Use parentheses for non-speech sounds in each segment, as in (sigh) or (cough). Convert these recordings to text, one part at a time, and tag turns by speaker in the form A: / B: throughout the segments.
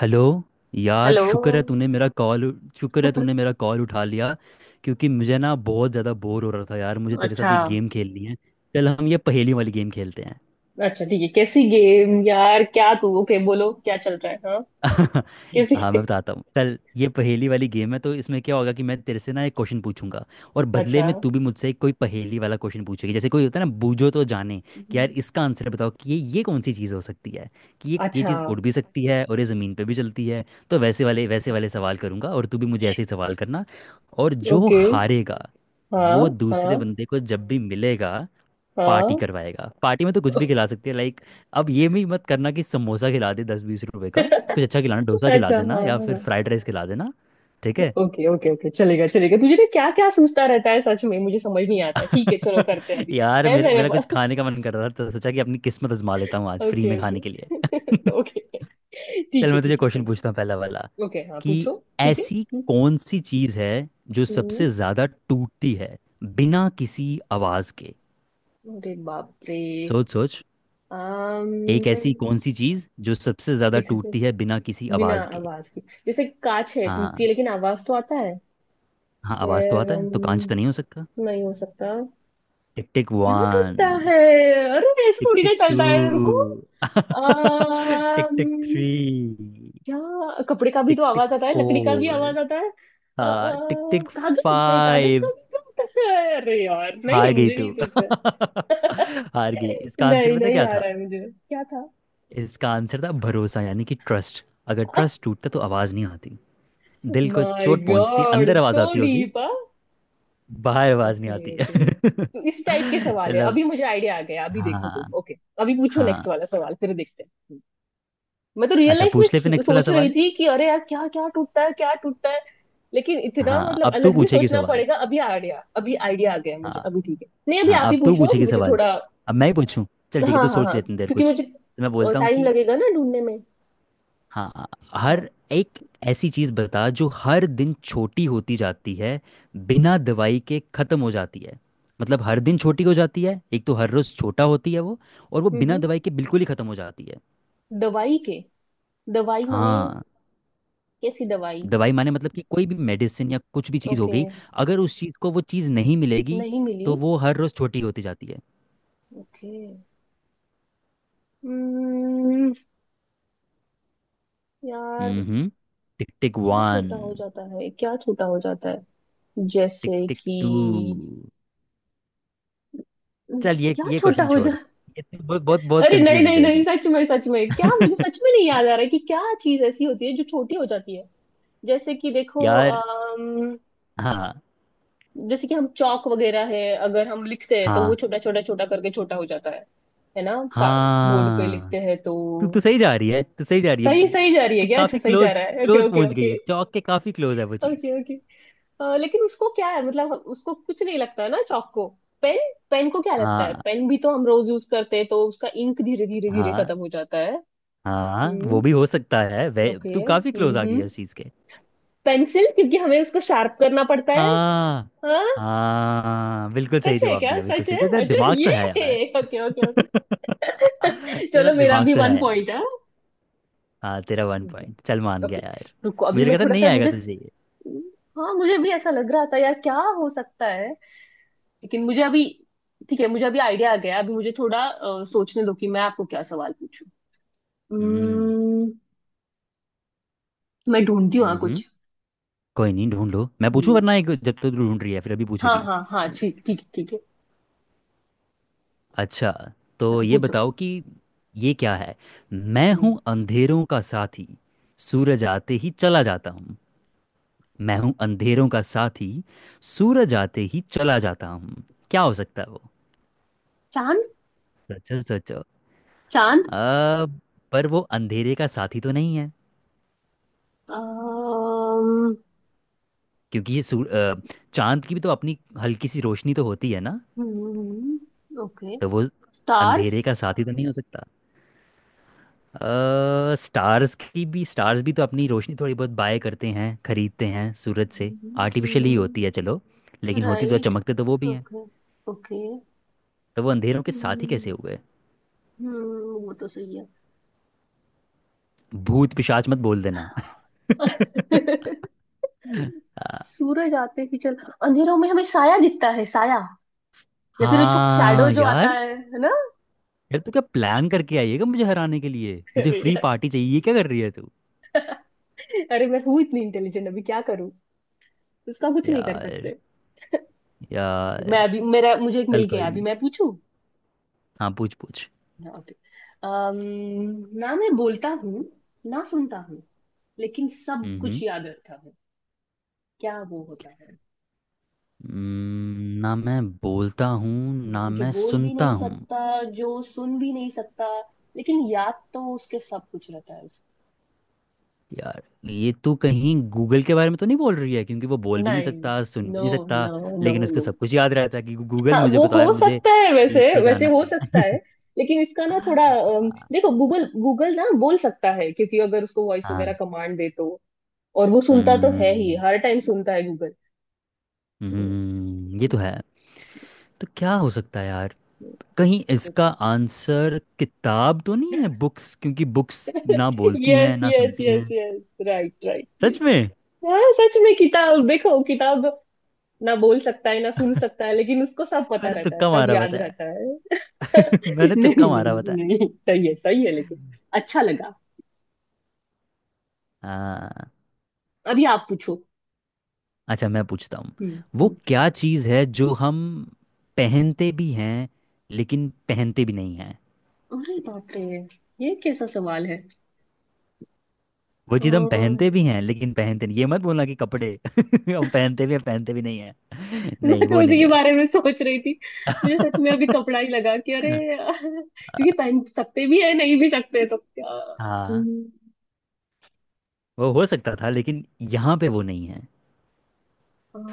A: Hello. यार
B: hello.
A: शुक्र है तूने मेरा कॉल उठा लिया, क्योंकि मुझे ना बहुत ज़्यादा बोर हो रहा था यार। मुझे तेरे साथ
B: अच्छा।
A: एक गेम खेलनी है। चल हम ये पहेली वाली गेम खेलते हैं।
B: अच्छा ठीक है। कैसी गेम यार? क्या तू, ओके, बोलो क्या चल रहा है? हाँ।
A: (laughs)
B: कैसी
A: हाँ मैं
B: game?
A: बताता हूँ। चल ये पहेली वाली गेम है तो इसमें क्या होगा कि मैं तेरे से ना एक क्वेश्चन पूछूंगा। और बदले
B: अच्छा।
A: में तू भी मुझसे कोई पहेली वाला क्वेश्चन पूछेगी। जैसे कोई होता है ना, बूझो तो जाने, कि यार इसका आंसर बताओ कि ये कौन सी चीज़ हो सकती है। कि ये
B: अच्छा।
A: चीज़ उड़ भी सकती है और ये ज़मीन पे भी चलती है। तो वैसे वाले सवाल करूंगा, और तू भी मुझे ऐसे ही सवाल करना। और जो
B: ओके।
A: हारेगा वो
B: हाँ
A: दूसरे
B: हाँ
A: बंदे को जब भी मिलेगा, पार्टी
B: हाँ।
A: करवाएगा। पार्टी में तो कुछ भी खिला सकती है, लाइक, अब ये भी मत करना कि समोसा खिला दे 10-20 रुपए का। कुछ अच्छा खिलाना, डोसा खिला
B: अच्छा
A: देना
B: हाँ
A: या फिर
B: हाँ।
A: फ्राइड राइस खिला देना। ठीक है।
B: ओके ओके ओके, चलेगा चलेगा। तुझे ना क्या क्या सोचता रहता है सच में, मुझे समझ नहीं आता। ठीक है, चलो करते हैं
A: (laughs)
B: अभी।
A: यार
B: है
A: मेरे
B: मेरे
A: मेरा कुछ
B: पास।
A: खाने का मन कर रहा था, तो सोचा कि अपनी किस्मत आजमा लेता हूँ आज फ्री
B: ओके
A: में
B: ओके
A: खाने के लिए। (laughs)
B: ओके। ठीक
A: चल
B: है
A: मैं तुझे
B: ठीक है,
A: क्वेश्चन पूछता
B: चलो।
A: हूँ पहला वाला।
B: ओके, हाँ
A: कि
B: पूछो। ठीक है।
A: ऐसी कौन सी चीज़ है जो
B: हम्म,
A: सबसे ज़्यादा टूटती है बिना किसी आवाज़ के।
B: अरे बाप रे।
A: सोच सोच। एक ऐसी
B: अम्म
A: कौन सी चीज़ जो सबसे ज़्यादा
B: दिख
A: टूटती है बिना किसी
B: बिना
A: आवाज़ के।
B: आवाज की। जैसे कांच है, टूटती है
A: हाँ।
B: लेकिन आवाज तो आता है।
A: हाँ, आवाज तो
B: फिर
A: आता है, तो कांच तो नहीं हो सकता।
B: नहीं हो सकता।
A: टिक टिक
B: क्या
A: वन।
B: टूटता है? अरे ऐसे
A: टिक
B: थोड़ी ना
A: टिक
B: चलता है,
A: टू।
B: रुको।
A: (laughs) टिक टिक
B: अम्म,
A: थ्री।
B: क्या, कपड़े का भी
A: टिक
B: तो
A: टिक
B: आवाज आता है, लकड़ी का भी
A: फोर।
B: आवाज आता है। अ, अ,
A: हाँ, टिक टिक
B: कागज नहीं, कागज का
A: फाइव।
B: भी क्या होता है? अरे यार नहीं,
A: हार गई
B: मुझे
A: तू।
B: नहीं सोचता।
A: (laughs) हार गई। इसका आंसर
B: नहीं
A: पता
B: नहीं
A: क्या
B: आ
A: था?
B: रहा है मुझे। क्या था?
A: इसका आंसर था भरोसा, यानी कि ट्रस्ट। अगर ट्रस्ट
B: (laughs)
A: टूटता तो आवाज़ नहीं आती। दिल को
B: माय
A: चोट पहुंचती,
B: गॉड,
A: अंदर आवाज़
B: सो
A: आती होगी,
B: डीप।
A: बाहर आवाज़ नहीं
B: ओके
A: आती।
B: ओके। तो इस टाइप के
A: (laughs)
B: सवाल है।
A: चलो।
B: अभी मुझे आइडिया आ गया, अभी देखो
A: हाँ
B: तुम, ओके। अभी पूछो नेक्स्ट
A: हाँ।
B: वाला सवाल, फिर देखते हैं। हम्म। मैं तो रियल
A: अच्छा,
B: लाइफ में
A: पूछ ले फिर नेक्स्ट वाला
B: सोच रही
A: सवाल।
B: थी कि अरे यार क्या क्या टूटता है, क्या टूटता है। लेकिन इतना
A: हाँ,
B: मतलब
A: अब तू
B: अलग भी
A: पूछेगी
B: सोचना
A: सवाल।
B: पड़ेगा। अभी आइडिया, अभी आइडिया आ गया मुझे
A: हाँ
B: अभी। ठीक है, नहीं अभी
A: हाँ,
B: आप ही
A: अब तू
B: पूछो
A: पूछेगी
B: मुझे
A: सवाल।
B: थोड़ा।
A: अब मैं ही पूछूं? चल ठीक है,
B: हाँ
A: तू
B: हाँ
A: सोच
B: हाँ,
A: लेते देर
B: क्योंकि
A: कुछ।
B: मुझे
A: तो मैं बोलता हूँ
B: टाइम
A: कि
B: लगेगा ना ढूंढने में।
A: हाँ,
B: हाँ।
A: हर एक ऐसी चीज़ बता जो हर दिन छोटी होती जाती है, बिना दवाई के ख़त्म हो जाती है। मतलब हर दिन छोटी हो जाती है, एक तो हर रोज़ छोटा होती है वो, और वो बिना दवाई
B: हम्म।
A: के बिल्कुल ही ख़त्म हो जाती है।
B: दवाई के। दवाई माने?
A: हाँ।
B: कैसी दवाई?
A: दवाई माने मतलब कि कोई भी मेडिसिन या कुछ भी चीज़ हो
B: ओके।
A: गई। अगर उस चीज़ को वो चीज़ नहीं मिलेगी,
B: नहीं मिली।
A: तो वो हर रोज़ छोटी होती जाती है।
B: ओके। हम्म। यार।
A: हम्म। टिक टिक
B: क्या
A: वन।
B: छोटा हो जाता है, क्या छोटा हो जाता है?
A: टिक
B: जैसे
A: टिक टू।
B: कि।
A: चल, ये
B: क्या
A: ये
B: छोटा
A: क्वेश्चन
B: हो जा
A: छोड़, ये तो बहुत बहुत बहुत
B: अरे नहीं
A: कंफ्यूज हो
B: नहीं नहीं,
A: जाएगी।
B: सच में सच में क्या, मुझे
A: (laughs)
B: सच में नहीं याद आ रहा है कि क्या चीज ऐसी होती है जो छोटी हो जाती है। जैसे कि देखो
A: यार। हाँ
B: जैसे कि हम चौक वगैरह है, अगर हम लिखते हैं तो वो
A: हाँ
B: छोटा छोटा छोटा करके छोटा हो जाता है। है ना। बोर्ड पे
A: हाँ,
B: लिखते हैं तो।
A: तू तो सही जा रही है, तू सही जा रही है।
B: सही सही जा रही है
A: तू
B: क्या? अच्छा,
A: काफी
B: सही जा
A: क्लोज
B: रहा है। ओके
A: क्लोज
B: ओके
A: पहुंच गई
B: ओके।
A: है, चौक के काफी क्लोज है वो चीज।
B: Okay okay. लेकिन उसको क्या है, मतलब उसको कुछ नहीं लगता है ना चौक को। पेन। पेन को क्या लगता है?
A: हाँ
B: पेन भी तो हम रोज यूज करते हैं तो उसका इंक धीरे धीरे धीरे
A: हाँ
B: खत्म हो जाता है।
A: हाँ, वो भी हो
B: हम्म।
A: सकता है वे।
B: ओके
A: तू काफी क्लोज आ गई
B: हम्म।
A: है उस चीज के।
B: पेंसिल, क्योंकि हमें उसको शार्प करना पड़ता है।
A: हाँ
B: हाँ।
A: हाँ, बिल्कुल सही
B: सच है
A: जवाब
B: क्या?
A: दिया, बिल्कुल
B: सच
A: सही।
B: है।
A: तेरा
B: अच्छा
A: दिमाग तो
B: ये
A: है
B: है।
A: यार।
B: Okay okay okay.
A: (laughs) तेरा
B: चलो मेरा
A: दिमाग
B: भी
A: तो है
B: वन
A: यार।
B: पॉइंट है।
A: हाँ, तेरा वन
B: ठीक
A: पॉइंट चल
B: है।
A: मान गया
B: ओके।
A: यार।
B: रुको अभी
A: मुझे
B: मैं
A: लगा था
B: थोड़ा
A: नहीं
B: सा,
A: आएगा
B: मुझे।
A: तुझे ये।
B: हाँ, मुझे भी ऐसा लग रहा था यार, क्या हो सकता है। लेकिन मुझे अभी, ठीक है, मुझे अभी आइडिया आ गया। अभी मुझे थोड़ा सोचने दो कि मैं आपको क्या सवाल पूछूं।
A: हम्म
B: हम्म, मैं ढूंढती हूँ, हाँ
A: हम्म,
B: कुछ।
A: कोई नहीं, ढूंढ लो। मैं पूछूं?
B: हम्म,
A: वरना एक, जब तक तू ढूंढ रही है फिर अभी
B: हाँ
A: पूछेगी।
B: हाँ हाँ, ठीक ठीक है, ठीक है।
A: अच्छा, तो
B: हाँ,
A: ये
B: पूछो।
A: बताओ कि ये क्या है। मैं
B: हम्म,
A: हूँ अंधेरों का साथी, सूरज आते ही चला जाता हूँ। मैं हूँ अंधेरों का साथी, सूरज आते ही चला जाता हूँ। क्या हो सकता है वो?
B: चांद।
A: सोचो सोचो।
B: चांद।
A: अब, पर वो अंधेरे का साथी तो नहीं है,
B: अम्म,
A: क्योंकि चांद की भी तो अपनी हल्की सी रोशनी तो होती है ना।
B: ओके।
A: तो वो
B: स्टार्स।
A: अंधेरे का साथी तो नहीं हो सकता। स्टार्स भी तो अपनी रोशनी थोड़ी बहुत बाय करते हैं, खरीदते हैं सूरज से। आर्टिफिशियल ही होती है चलो, लेकिन होती तो,
B: राइट।
A: चमकते तो वो भी हैं।
B: Okay okay.
A: तो वो अंधेरों के साथी कैसे
B: हम्म,
A: हुए?
B: वो तो सही है।
A: भूत पिशाच मत बोल देना।
B: (laughs)
A: (laughs) हाँ।
B: सूरज आते ही चल अंधेरों में हमें साया दिखता है, साया। या फिर जो शैडो
A: हाँ,
B: जो आता
A: यार,
B: है ना।
A: यार, तू क्या प्लान करके आई है क्या, मुझे हराने के लिए? मुझे
B: अरे
A: फ्री
B: यार।
A: पार्टी चाहिए, ये क्या कर रही है तू?
B: अरे, मैं हूँ इतनी इंटेलिजेंट, अभी क्या करूँ। उसका कुछ नहीं कर
A: यार।
B: सकते।
A: यार,
B: मैं अभी, मेरा, मुझे एक मिल
A: चल
B: गया,
A: कोई
B: अभी
A: नहीं।
B: मैं पूछूं।
A: हाँ, पूछ पूछ।
B: हाँ, okay. ना मैं बोलता हूँ, ना सुनता हूँ, लेकिन सब
A: हम्म
B: कुछ याद रखता हूँ। क्या वो होता है?
A: ना मैं बोलता हूँ, ना
B: जो
A: मैं
B: बोल भी
A: सुनता
B: नहीं
A: हूँ।
B: सकता, जो सुन भी नहीं सकता, लेकिन याद तो उसके सब कुछ रहता है।
A: यार, ये तू कहीं गूगल के बारे में तो नहीं बोल रही है? क्योंकि वो बोल भी नहीं
B: नहीं।
A: सकता, सुन भी
B: नो।
A: नहीं सकता,
B: नो। नो
A: लेकिन उसको
B: नो।
A: सब कुछ याद रहता है, कि गूगल
B: हाँ,
A: मुझे
B: वो
A: बताओ यार
B: हो
A: मुझे
B: सकता है, वैसे
A: बीट पे
B: वैसे
A: जाना
B: हो सकता
A: है।
B: है।
A: (laughs)
B: लेकिन इसका ना थोड़ा। देखो गूगल, गूगल ना बोल सकता है क्योंकि अगर उसको वॉइस वगैरह
A: हाँ।
B: कमांड दे तो। और वो सुनता तो है ही,
A: हम्म
B: हर टाइम सुनता है गूगल।
A: ये तो है। तो क्या हो सकता है यार? कहीं इसका
B: देखो।
A: आंसर किताब तो नहीं है, बुक्स? क्योंकि बुक्स ना बोलती हैं,
B: यस
A: ना
B: यस
A: सुनती
B: यस
A: हैं।
B: Yes, right right, yes.
A: सच में?
B: हाँ सच में किताब, देखो किताब, ना बोल सकता है ना सुन सकता है, लेकिन उसको सब पता
A: मैंने
B: रहता है,
A: तुक्का
B: सब
A: मारा
B: याद
A: बताया।
B: रहता है।
A: (laughs)
B: (laughs)
A: मैंने तुक्का
B: नहीं
A: मारा
B: नहीं
A: बताया।
B: नहीं, सही है सही है लेकिन। अच्छा लगा।
A: हाँ।
B: अभी आप पूछो।
A: अच्छा मैं पूछता हूँ।
B: हम्म।
A: वो
B: हम्म।
A: क्या चीज़ है जो हम पहनते भी हैं लेकिन पहनते भी नहीं हैं?
B: अरे बाप रे। ये कैसा सवाल है?
A: वो चीज़ हम
B: अ,
A: पहनते भी हैं लेकिन पहनते नहीं। ये मत बोलना कि कपड़े। (laughs) हम पहनते भी हैं, पहनते भी नहीं हैं। (laughs)
B: मैं
A: नहीं,
B: तो
A: वो
B: उसी
A: नहीं
B: के
A: है।
B: बारे में सोच रही थी। मुझे सच में अभी
A: (laughs)
B: कपड़ा ही लगा कि अरे। क्योंकि पहन सकते भी है, नहीं भी सकते तो क्या।
A: हाँ
B: हम्म,
A: वो हो सकता था, लेकिन यहाँ पे वो नहीं है।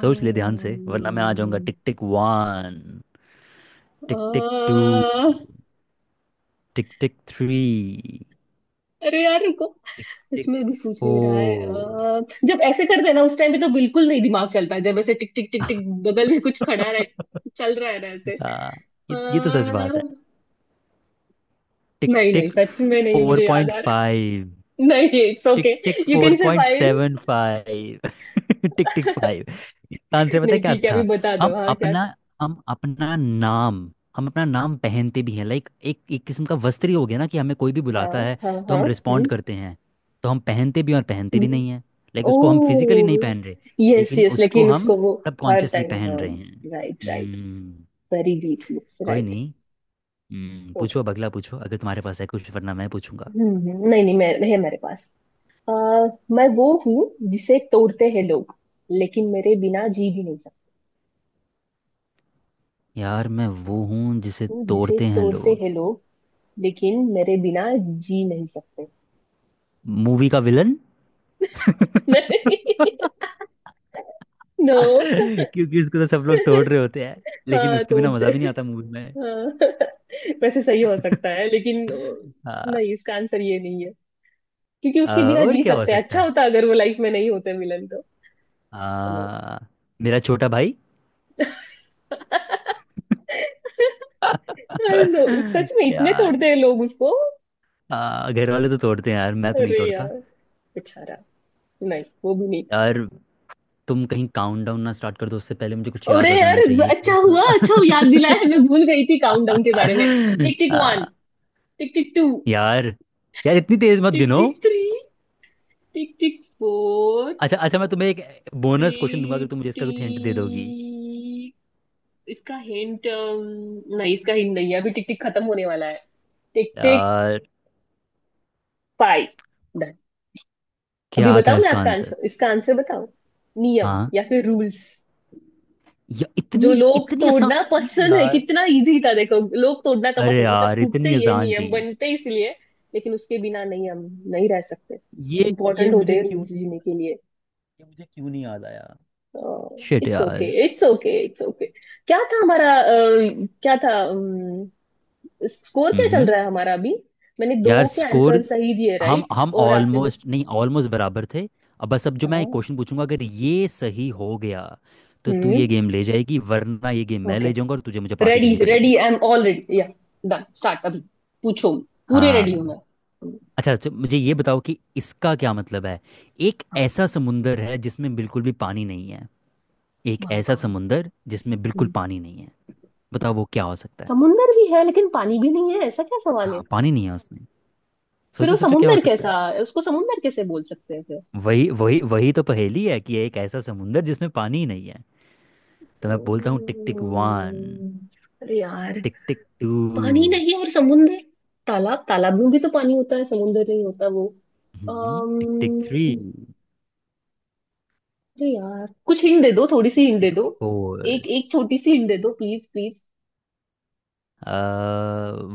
A: सोच ले ध्यान से, वरना मैं आ जाऊंगा। टिक टिक वन।
B: अ,
A: tick tick two. Tick tick three.
B: अरे यार रुको।
A: टिक
B: सच
A: टिक
B: में अभी सोच
A: ओ।
B: नहीं रहा है, जब ऐसे करते हैं ना उस टाइम पे तो बिल्कुल नहीं दिमाग चलता है, जब ऐसे टिक टिक टिक टिक बगल में कुछ खड़ा रह।
A: (laughs)
B: चल रहा है ना ऐसे
A: आ, ये तो सच बात है। टिक
B: नहीं नहीं,
A: टिक
B: सच में नहीं
A: फोर
B: मुझे याद
A: पॉइंट
B: आ रहा।
A: फाइव
B: नहीं it's
A: tick
B: okay.
A: Tick
B: you
A: four
B: can
A: point
B: survive.
A: Seven
B: (laughs)
A: five (laughs) tick tick five. इसका आंसर पता है
B: नहीं
A: क्या
B: ठीक है, अभी
A: था?
B: बता दो,
A: हम
B: हाँ क्या था?
A: अपना हम अपना नाम हम अपना नाम पहनते भी हैं, लाइक एक एक किस्म का वस्त्र ही हो गया ना, कि हमें कोई भी
B: हाँ
A: बुलाता है
B: हाँ
A: तो
B: हाँ।
A: हम रिस्पोंड
B: हम्म।
A: करते हैं। तो हम पहनते भी हैं और पहनते भी नहीं हैं। Like
B: oh.
A: उसको हम फिजिकली नहीं पहन रहे,
B: यस
A: लेकिन
B: यस,
A: उसको
B: लेकिन
A: हम
B: उसको वो, हर
A: सबकॉन्शियसली
B: टाइम
A: पहन
B: हाँ।
A: रहे हैं।
B: Right right.
A: Hmm.
B: Very deep looks
A: कोई
B: राइट।
A: नहीं। हम्म, पूछो
B: ओके।
A: अब, अगला पूछो अगर तुम्हारे पास है कुछ, वरना मैं पूछूंगा।
B: नहीं नहीं मैं, है मेरे पास। आ, मैं वो हूँ जिसे तोड़ते हैं लोग, लेकिन मेरे बिना जी भी नहीं सकते।
A: यार, मैं वो हूँ जिसे
B: हूँ जिसे
A: तोड़ते हैं
B: तोड़ते
A: लोग।
B: हैं लोग, लेकिन मेरे बिना जी नहीं सकते। (laughs)
A: मूवी का विलन? (laughs)
B: नहीं। नो।
A: क्योंकि उसको तो सब लोग तोड़ रहे होते हैं, लेकिन
B: हाँ
A: उसके बिना
B: तोड़ते।
A: मजा भी नहीं आता मूवी में।
B: हाँ, (laughs) वैसे सही हो सकता है, लेकिन
A: (laughs) आ,
B: नहीं, इसका आंसर ये नहीं है। क्योंकि
A: आ,
B: उसके बिना
A: और
B: जी
A: क्या हो
B: सकते हैं,
A: सकता
B: अच्छा
A: है?
B: होता अगर वो लाइफ में नहीं होते मिलन तो। नो।
A: आ, मेरा छोटा भाई।
B: नो। (laughs)
A: (laughs)
B: सच में इतने
A: यार।
B: तोड़ते हैं लोग उसको।
A: घर वाले तो तोड़ते हैं यार, मैं तो नहीं
B: अरे
A: तोड़ता।
B: यार। बेचारा। नहीं वो भी नहीं।
A: यार, तुम कहीं काउंट डाउन ना स्टार्ट कर दो, उससे पहले मुझे कुछ
B: अरे
A: याद आ
B: यार।
A: जाना चाहिए,
B: अच्छा
A: क्या
B: हुआ, अच्छा हुआ, याद दिलाया, मैं
A: था?
B: भूल गई थी काउंटडाउन के बारे में। टिक
A: (laughs)
B: टिक
A: आ,
B: वन। Tick tick two.
A: यार यार, इतनी तेज मत
B: टिक
A: गिनो।
B: Tick three. Tick tick four.
A: अच्छा अच्छा, मैं तुम्हें एक बोनस क्वेश्चन दूंगा, अगर
B: टिक
A: तुम मुझे इसका कुछ हिंट दे दोगी।
B: टिक। इसका हिंट नहीं, इसका हिंट नहीं है, अभी टिक टिक खत्म होने वाला है। टिक टिक।
A: यार,
B: पाई। डन। अभी
A: क्या था
B: बताओ, मैं
A: इसका
B: आपका
A: आंसर?
B: आंसर, इसका आंसर बताओ। नियम
A: हाँ,
B: या फिर रूल्स।
A: या
B: जो
A: इतनी
B: लोग
A: इतनी आसान
B: तोड़ना
A: चीज
B: पसंद है,
A: यार?
B: कितना इजी था देखो, लोग तोड़ना तो
A: अरे
B: पसंद, मतलब
A: यार,
B: टूटते
A: इतनी
B: ही है
A: आसान
B: नियम,
A: चीज
B: बनते ही इसलिए। लेकिन उसके बिना नहीं हम, नहीं रह सकते।
A: ये ये
B: इम्पोर्टेंट होते
A: मुझे
B: हैं
A: क्यों
B: रूल्स जीने के लिए।
A: ये मुझे क्यों नहीं याद आया? शिट
B: इट्स ओके
A: यार।
B: It's okay it's okay. क्या था हमारा क्या था स्कोर क्या चल
A: हम्म।
B: रहा है हमारा अभी? मैंने
A: यार
B: दो के आंसर
A: स्कोर,
B: सही दिए
A: हम
B: राइट,
A: हम
B: और आपने बस।
A: ऑलमोस्ट नहीं, ऑलमोस्ट बराबर थे। अब बस, अब जो मैं एक
B: हाँ।
A: क्वेश्चन पूछूंगा, अगर ये सही हो गया तो तू
B: हम्म।
A: ये गेम ले जाएगी, वरना ये गेम मैं
B: ओके।
A: ले जाऊंगा और तुझे मुझे पार्टी
B: रेडी
A: देनी पड़ेगी।
B: Ready, I am all ready या। डन स्टार्ट अभी। पूछो। पूरे रेडी हूँ
A: हाँ।
B: मैं।
A: अच्छा तो मुझे ये बताओ कि इसका क्या मतलब है। एक ऐसा समुंदर है जिसमें बिल्कुल भी पानी नहीं है। एक
B: माय
A: ऐसा
B: गॉड।
A: समुंदर जिसमें बिल्कुल पानी नहीं है। बताओ वो क्या हो सकता है।
B: समुंदर भी है लेकिन पानी भी नहीं है, ऐसा क्या सवाल है?
A: हाँ, पानी नहीं है उसमें।
B: फिर
A: सोचो
B: वो
A: सोचो, क्या हो
B: समुंदर
A: सकता है?
B: कैसा? उसको समुंदर कैसे बोल सकते हैं फिर?
A: वही वही वही तो पहेली है, कि एक ऐसा समुंदर जिसमें पानी ही नहीं है। तो मैं बोलता हूँ टिक टिक वन।
B: हम्म, अरे यार।
A: टिक टिक टू।
B: पानी नहीं और समुंदर। तालाब, तालाब में भी तो पानी होता है, समुंदर नहीं होता वो।
A: हम्म। टिक टिक थ्री।
B: अरे यार कुछ हिंट दे दो, थोड़ी सी
A: टिक
B: हिंट दे
A: टिक
B: दो।
A: फोर।
B: एक एक छोटी सी हिंट दे दो, प्लीज प्लीज।
A: अ,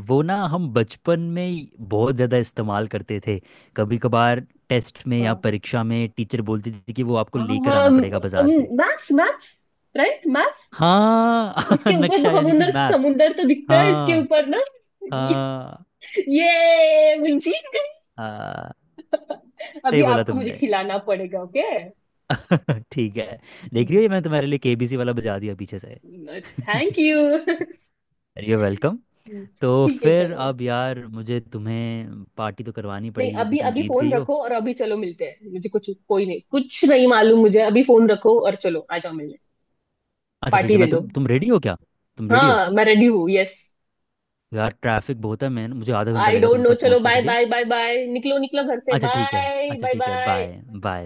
A: वो ना, हम बचपन में बहुत ज़्यादा इस्तेमाल करते थे। कभी कभार टेस्ट में या
B: हाँ
A: परीक्षा में टीचर बोलती थी कि वो आपको
B: हाँ
A: लेकर
B: हाँ,
A: आना पड़ेगा बाजार से।
B: Maps maps. Right maps.
A: हाँ। (laughs)
B: उसके ऊपर तो
A: नक्शा, यानी कि
B: समुंदर,
A: मैप्स।
B: समुंदर तो दिखता है इसके
A: हाँ
B: ऊपर ना।
A: हाँ
B: ये। मैं जीत
A: हाँ,
B: गई।
A: सही
B: अभी
A: बोला
B: आपको मुझे
A: तुमने।
B: खिलाना पड़ेगा, ओके।
A: (laughs) ठीक है। देख रही हो, ये मैंने तुम्हारे लिए केबीसी वाला बजा दिया पीछे से। (laughs)
B: Thank you
A: you welcome. तो
B: ठीक है
A: फिर
B: चलो।
A: अब यार, मुझे तुम्हें पार्टी तो करवानी
B: नहीं
A: पड़ेगी क्योंकि
B: अभी
A: तुम
B: अभी
A: जीत
B: फोन
A: गई हो।
B: रखो, और अभी चलो मिलते हैं, मुझे कुछ, कोई नहीं, कुछ नहीं मालूम, मुझे अभी फोन रखो और चलो आ जाओ मिलने।
A: अच्छा ठीक
B: पार्टी
A: है,
B: दे
A: मैं
B: दो।
A: तुम रेडी हो क्या? तुम रेडी हो?
B: हाँ मैं रेडी हूँ, यस।
A: यार ट्रैफिक बहुत है, मैं मुझे आधा घंटा
B: आई
A: लगेगा
B: डोंट
A: तुम
B: नो,
A: तक
B: चलो
A: पहुंचने के
B: बाय
A: लिए।
B: बाय बाय बाय, निकलो निकलो घर से,
A: अच्छा ठीक है,
B: बाय
A: अच्छा
B: बाय
A: ठीक है,
B: बाय।
A: बाय। बाय।